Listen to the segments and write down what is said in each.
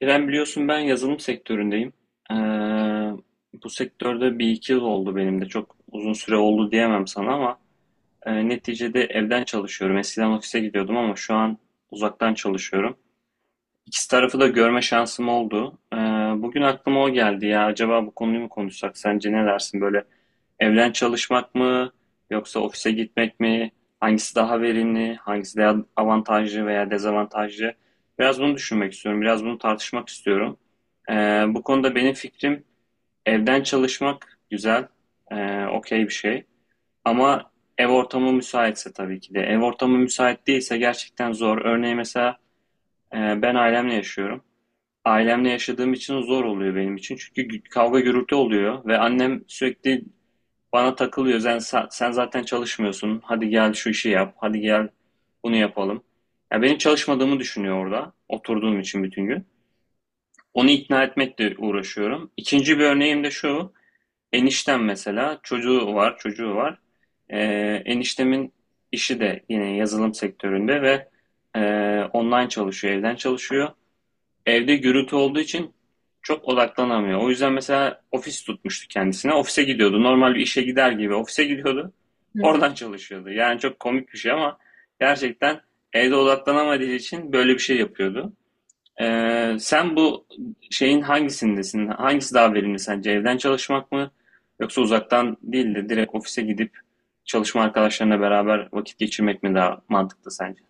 İrem biliyorsun ben yazılım sektöründeyim. Ee, Bu sektörde bir iki yıl oldu benim de. Çok uzun süre oldu diyemem sana ama neticede evden çalışıyorum. Eskiden ofise gidiyordum ama şu an uzaktan çalışıyorum. İkisi tarafı da görme şansım oldu. Bugün aklıma o geldi ya. Acaba bu konuyu mu konuşsak? Sence ne dersin? Böyle evden çalışmak mı yoksa ofise gitmek mi? Hangisi daha verimli? Hangisi daha avantajlı veya dezavantajlı? Biraz bunu düşünmek istiyorum. Biraz bunu tartışmak istiyorum. Ee, Bu konuda benim fikrim evden çalışmak güzel, okey bir şey. Ama ev ortamı müsaitse tabii ki de. Ev ortamı müsait değilse gerçekten zor. Örneğin mesela ben ailemle yaşıyorum. Ailemle yaşadığım için zor oluyor benim için. Çünkü kavga gürültü oluyor ve annem sürekli bana takılıyor. Sen, sen zaten çalışmıyorsun. Hadi gel şu işi yap. Hadi gel bunu yapalım. Ya benim çalışmadığımı düşünüyor orada. Oturduğum için bütün gün. Onu ikna etmekle uğraşıyorum. İkinci bir örneğim de şu. Eniştem mesela çocuğu var. Ee, Eniştemin işi de yine yazılım sektöründe ve e, online çalışıyor, evden çalışıyor. Evde gürültü olduğu için çok odaklanamıyor. O yüzden mesela ofis tutmuştu kendisine. Ofise gidiyordu. Normal bir işe gider gibi ofise gidiyordu. Hı. Oradan çalışıyordu. Yani çok komik bir şey ama gerçekten evde odaklanamadığı için böyle bir şey yapıyordu. Sen bu şeyin hangisindesin? Hangisi daha verimli sence? Evden çalışmak mı? Yoksa uzaktan değil de direkt ofise gidip çalışma arkadaşlarına beraber vakit geçirmek mi daha mantıklı sence?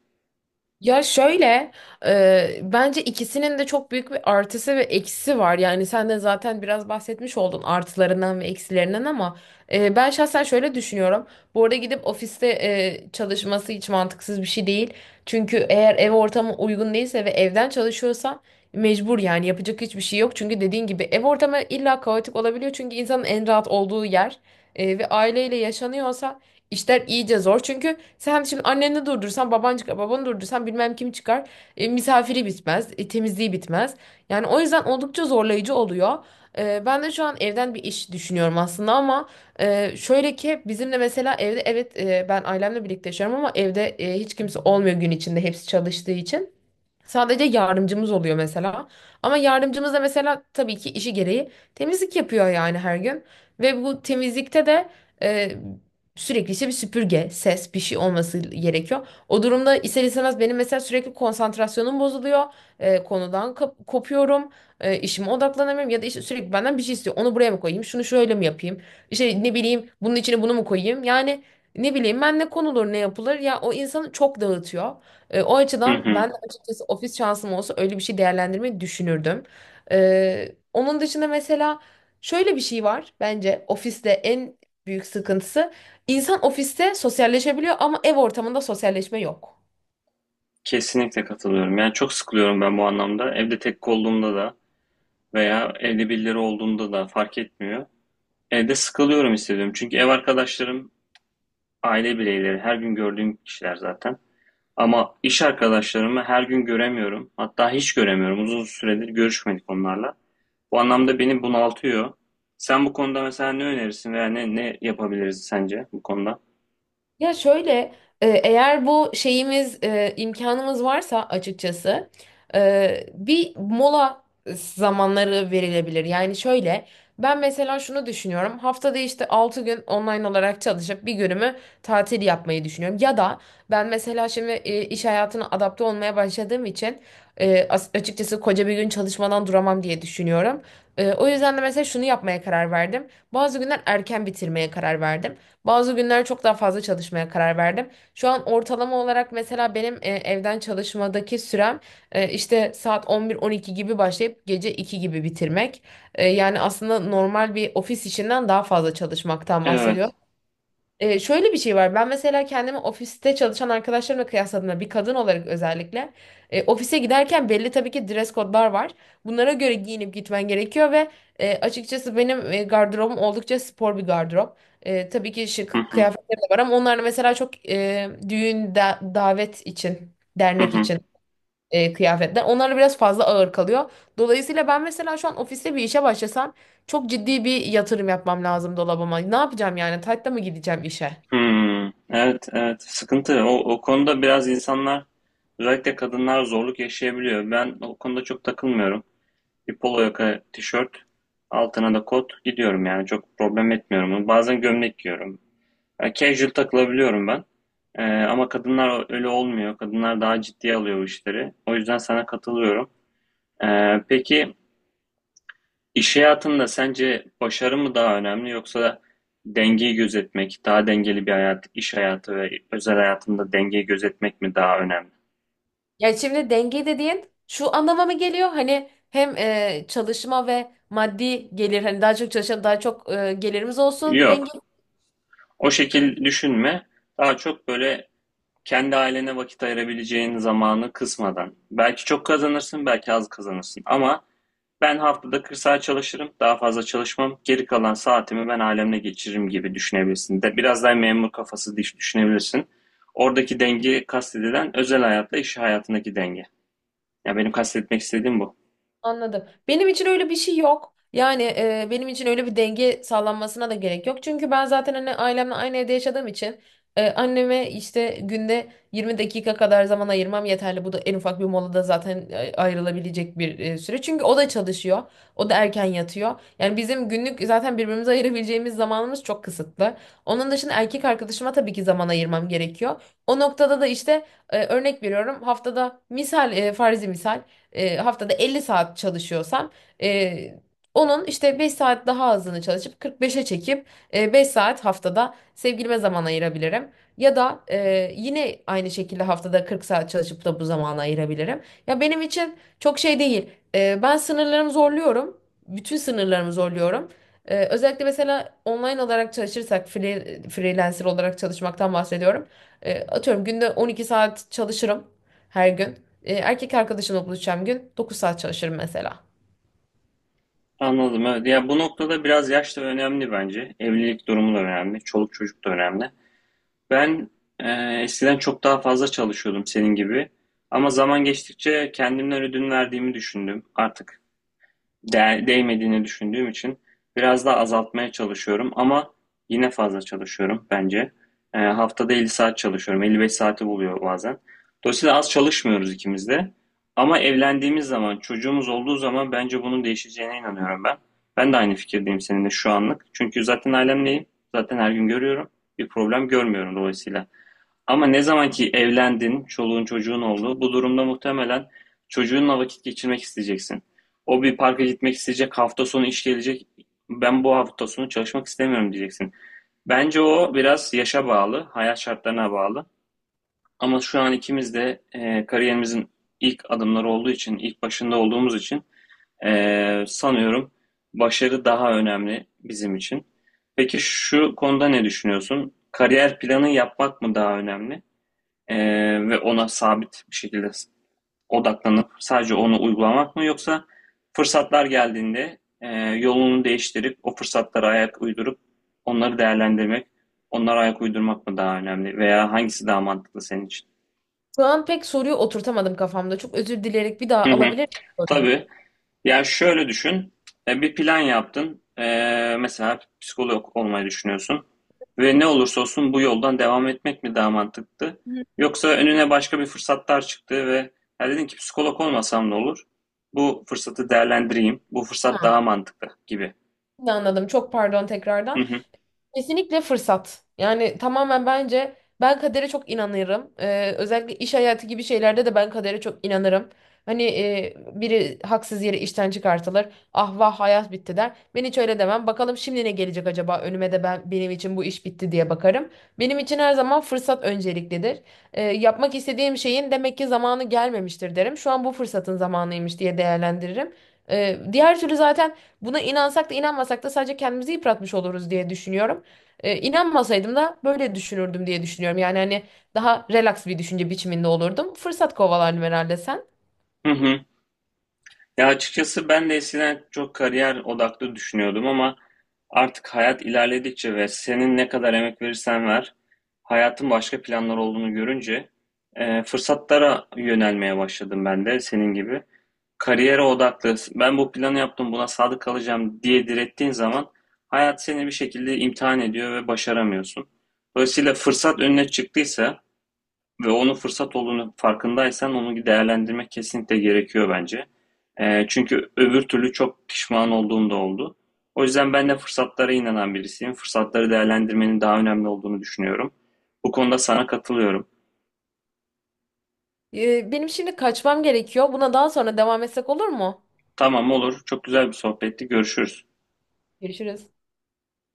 Ya şöyle, bence ikisinin de çok büyük bir artısı ve eksisi var. Yani sen de zaten biraz bahsetmiş oldun artılarından ve eksilerinden ama ben şahsen şöyle düşünüyorum. Bu arada gidip ofiste çalışması hiç mantıksız bir şey değil. Çünkü eğer ev ortamı uygun değilse ve evden çalışıyorsan mecbur, yani yapacak hiçbir şey yok. Çünkü dediğin gibi ev ortamı illa kaotik olabiliyor. Çünkü insanın en rahat olduğu yer ve aileyle yaşanıyorsa işler iyice zor. Çünkü sen şimdi anneni durdursan, baban çıkar, babanı durdursan bilmem kim çıkar. Misafiri bitmez, temizliği bitmez. Yani o yüzden oldukça zorlayıcı oluyor. Ben de şu an evden bir iş düşünüyorum aslında, ama şöyle ki bizim de mesela evde, evet, ben ailemle birlikte yaşıyorum ama evde hiç kimse olmuyor gün içinde, hepsi çalıştığı için. Sadece yardımcımız oluyor mesela. Ama yardımcımız da mesela tabii ki işi gereği temizlik yapıyor yani her gün. Ve bu temizlikte de e, sürekli işte bir süpürge, ses, bir şey olması gerekiyor. O durumda ister istemez benim mesela sürekli konsantrasyonum bozuluyor. Konudan kopuyorum. İşime odaklanamıyorum ya da işte sürekli benden bir şey istiyor. Onu buraya mı koyayım? Şunu şöyle mi yapayım? İşte ne bileyim bunun içine bunu mu koyayım? Yani ne bileyim ben, ne konulur ne yapılır, ya o insanı çok dağıtıyor. O Hı açıdan hı. ben açıkçası ofis şansım olsa öyle bir şey değerlendirmeyi düşünürdüm. Onun dışında mesela şöyle bir şey var, bence ofiste en büyük sıkıntısı, insan ofiste sosyalleşebiliyor ama ev ortamında sosyalleşme yok. Kesinlikle katılıyorum. Yani çok sıkılıyorum ben bu anlamda. Evde tek olduğumda da veya evde birileri olduğunda da fark etmiyor. Evde sıkılıyorum hissediyorum. Çünkü ev arkadaşlarım aile bireyleri. Her gün gördüğüm kişiler zaten. Ama iş arkadaşlarımı her gün göremiyorum. Hatta hiç göremiyorum. Uzun süredir görüşmedik onlarla. Bu anlamda beni bunaltıyor. Sen bu konuda mesela ne önerirsin veya ne yapabiliriz sence bu konuda? Ya şöyle, eğer bu şeyimiz, imkanımız varsa açıkçası bir mola zamanları verilebilir. Yani şöyle, ben mesela şunu düşünüyorum: haftada işte 6 gün online olarak çalışıp bir günümü tatil yapmayı düşünüyorum. Ya da ben mesela şimdi iş hayatına adapte olmaya başladığım için açıkçası koca bir gün çalışmadan duramam diye düşünüyorum. O yüzden de mesela şunu yapmaya karar verdim. Bazı günler erken bitirmeye karar verdim. Bazı günler çok daha fazla çalışmaya karar verdim. Şu an ortalama olarak mesela benim evden çalışmadaki sürem işte saat 11-12 gibi başlayıp gece 2 gibi bitirmek. Yani aslında normal bir ofis işinden daha fazla çalışmaktan Evet. bahsediyorum. Şöyle bir şey var. Ben mesela kendimi ofiste çalışan arkadaşlarımla kıyasladığımda, bir kadın olarak özellikle ofise giderken belli tabii ki dress code'lar var. Bunlara göre giyinip gitmen gerekiyor ve açıkçası benim gardırobum oldukça spor bir gardırop. Tabii ki Hı şık hı. kıyafetlerim de var ama onlar da mesela çok düğün, davet için, Hı dernek hı. için kıyafetler. Onlar da biraz fazla ağır kalıyor. Dolayısıyla ben mesela şu an ofiste bir işe başlasam çok ciddi bir yatırım yapmam lazım dolabıma. Ne yapacağım yani? Taytta mı gideceğim işe? Hmm, evet, evet. Sıkıntı. O konuda biraz insanlar, özellikle kadınlar zorluk yaşayabiliyor. Ben o konuda çok takılmıyorum. Bir polo yaka tişört, altına da kot gidiyorum yani. Çok problem etmiyorum. Bazen gömlek giyiyorum. Yani casual takılabiliyorum ben. Ama kadınlar öyle olmuyor. Kadınlar daha ciddiye alıyor bu işleri. O yüzden sana katılıyorum. Peki İş hayatında sence başarı mı daha önemli yoksa dengeyi gözetmek, daha dengeli bir hayat, iş hayatı ve özel hayatında dengeyi gözetmek mi daha önemli? Yani şimdi denge dediğin şu anlama mı geliyor? Hani hem çalışma ve maddi gelir, hani daha çok çalışalım daha çok gelirimiz olsun. Yok. O şekil düşünme. Daha çok böyle kendi ailene vakit ayırabileceğin zamanı kısmadan. Belki çok kazanırsın, belki az kazanırsın ama ben haftada 40 saat çalışırım, daha fazla çalışmam. Geri kalan saatimi ben ailemle geçiririm gibi düşünebilirsin. De, biraz daha memur kafası düşünebilirsin. Oradaki denge kastedilen özel hayatla iş hayatındaki denge. Ya benim kastetmek istediğim bu. Anladım. Benim için öyle bir şey yok. Yani benim için öyle bir denge sağlanmasına da gerek yok. Çünkü ben zaten hani ailemle aynı evde yaşadığım için anneme işte günde 20 dakika kadar zaman ayırmam yeterli. Bu da en ufak bir molada zaten ayrılabilecek bir süre. Çünkü o da çalışıyor. O da erken yatıyor. Yani bizim günlük zaten birbirimize ayırabileceğimiz zamanımız çok kısıtlı. Onun dışında erkek arkadaşıma tabii ki zaman ayırmam gerekiyor. O noktada da işte, örnek veriyorum, haftada misal, farzi misal, haftada 50 saat çalışıyorsam e, onun işte 5 saat daha azını çalışıp 45'e çekip 5 saat haftada sevgilime zaman ayırabilirim. Ya da yine aynı şekilde haftada 40 saat çalışıp da bu zamanı ayırabilirim. Ya benim için çok şey değil. Ben sınırlarımı zorluyorum. Bütün sınırlarımı zorluyorum. Özellikle mesela online olarak çalışırsak, freelancer olarak çalışmaktan bahsediyorum. Atıyorum günde 12 saat çalışırım her gün. Erkek arkadaşımla buluşacağım gün 9 saat çalışırım mesela. Anladım evet. Ya bu noktada biraz yaş da önemli bence. Evlilik durumu da önemli. Çoluk çocuk da önemli. Ben e, eskiden çok daha fazla çalışıyordum senin gibi. Ama zaman geçtikçe kendimden ödün verdiğimi düşündüm. Artık değmediğini düşündüğüm için biraz daha azaltmaya çalışıyorum ama yine fazla çalışıyorum bence. Haftada 50 saat çalışıyorum. 55 saati buluyor bazen. Dolayısıyla az çalışmıyoruz ikimiz de. Ama evlendiğimiz zaman, çocuğumuz olduğu zaman bence bunun değişeceğine inanıyorum ben. Ben de aynı fikirdeyim seninle şu anlık. Çünkü zaten ailemleyim. Zaten her gün görüyorum. Bir problem görmüyorum dolayısıyla. Ama ne zaman ki evlendin, çoluğun çocuğun oldu, bu durumda muhtemelen çocuğunla vakit geçirmek isteyeceksin. O bir parka gitmek isteyecek, hafta sonu iş gelecek, ben bu hafta sonu çalışmak istemiyorum diyeceksin. Bence o biraz yaşa bağlı, hayat şartlarına bağlı. Ama şu an ikimiz de kariyerimizin ilk adımları olduğu için, ilk başında olduğumuz için sanıyorum başarı daha önemli bizim için. Peki şu konuda ne düşünüyorsun? Kariyer planı yapmak mı daha önemli? Ee, Ve ona sabit bir şekilde odaklanıp sadece onu uygulamak mı yoksa fırsatlar geldiğinde yolunu değiştirip o fırsatlara ayak uydurup onları değerlendirmek, onlara ayak uydurmak mı daha önemli veya hangisi daha mantıklı senin için? Şu an pek soruyu oturtamadım kafamda. Çok özür dileyerek bir daha Hı hı. alabilir miyim soruyu? Tabii. Ya şöyle düşün, bir plan yaptın, mesela psikolog olmayı düşünüyorsun ve ne olursa olsun bu yoldan devam etmek mi daha mantıklı? Hı. Yoksa önüne başka bir fırsatlar çıktı ve ya dedin ki psikolog olmasam ne olur? Bu fırsatı değerlendireyim, bu fırsat daha Tamam. mantıklı gibi. Şimdi anladım. Çok pardon Hı tekrardan. hı, Kesinlikle fırsat. Yani tamamen bence ben kadere çok inanırım. Özellikle iş hayatı gibi şeylerde de ben kadere çok inanırım. Hani, biri haksız yere işten çıkartılır. Ah vah hayat bitti der. Ben hiç öyle demem. Bakalım şimdi ne gelecek acaba önüme de, ben benim için bu iş bitti diye bakarım. Benim için her zaman fırsat önceliklidir. Yapmak istediğim şeyin demek ki zamanı gelmemiştir derim. Şu an bu fırsatın zamanıymış diye değerlendiririm. Diğer türlü zaten, buna inansak da inanmasak da sadece kendimizi yıpratmış oluruz diye düşünüyorum. İnanmasaydım da böyle düşünürdüm diye düşünüyorum. Yani hani daha relax bir düşünce biçiminde olurdum. Fırsat kovalardım herhalde sen. hı hı. Ya açıkçası ben de eskiden çok kariyer odaklı düşünüyordum ama artık hayat ilerledikçe ve senin ne kadar emek verirsen ver, hayatın başka planlar olduğunu görünce fırsatlara yönelmeye başladım ben de senin gibi. Kariyere odaklı, ben bu planı yaptım, buna sadık kalacağım diye direttiğin zaman hayat seni bir şekilde imtihan ediyor ve başaramıyorsun. Dolayısıyla fırsat önüne çıktıysa ve onu fırsat olduğunu farkındaysan onu değerlendirmek kesinlikle gerekiyor bence. Çünkü öbür türlü çok pişman olduğum da oldu. O yüzden ben de fırsatlara inanan birisiyim. Fırsatları değerlendirmenin daha önemli olduğunu düşünüyorum. Bu konuda sana katılıyorum. Benim şimdi kaçmam gerekiyor. Buna daha sonra devam etsek olur mu? Tamam olur. Çok güzel bir sohbetti. Görüşürüz. Görüşürüz.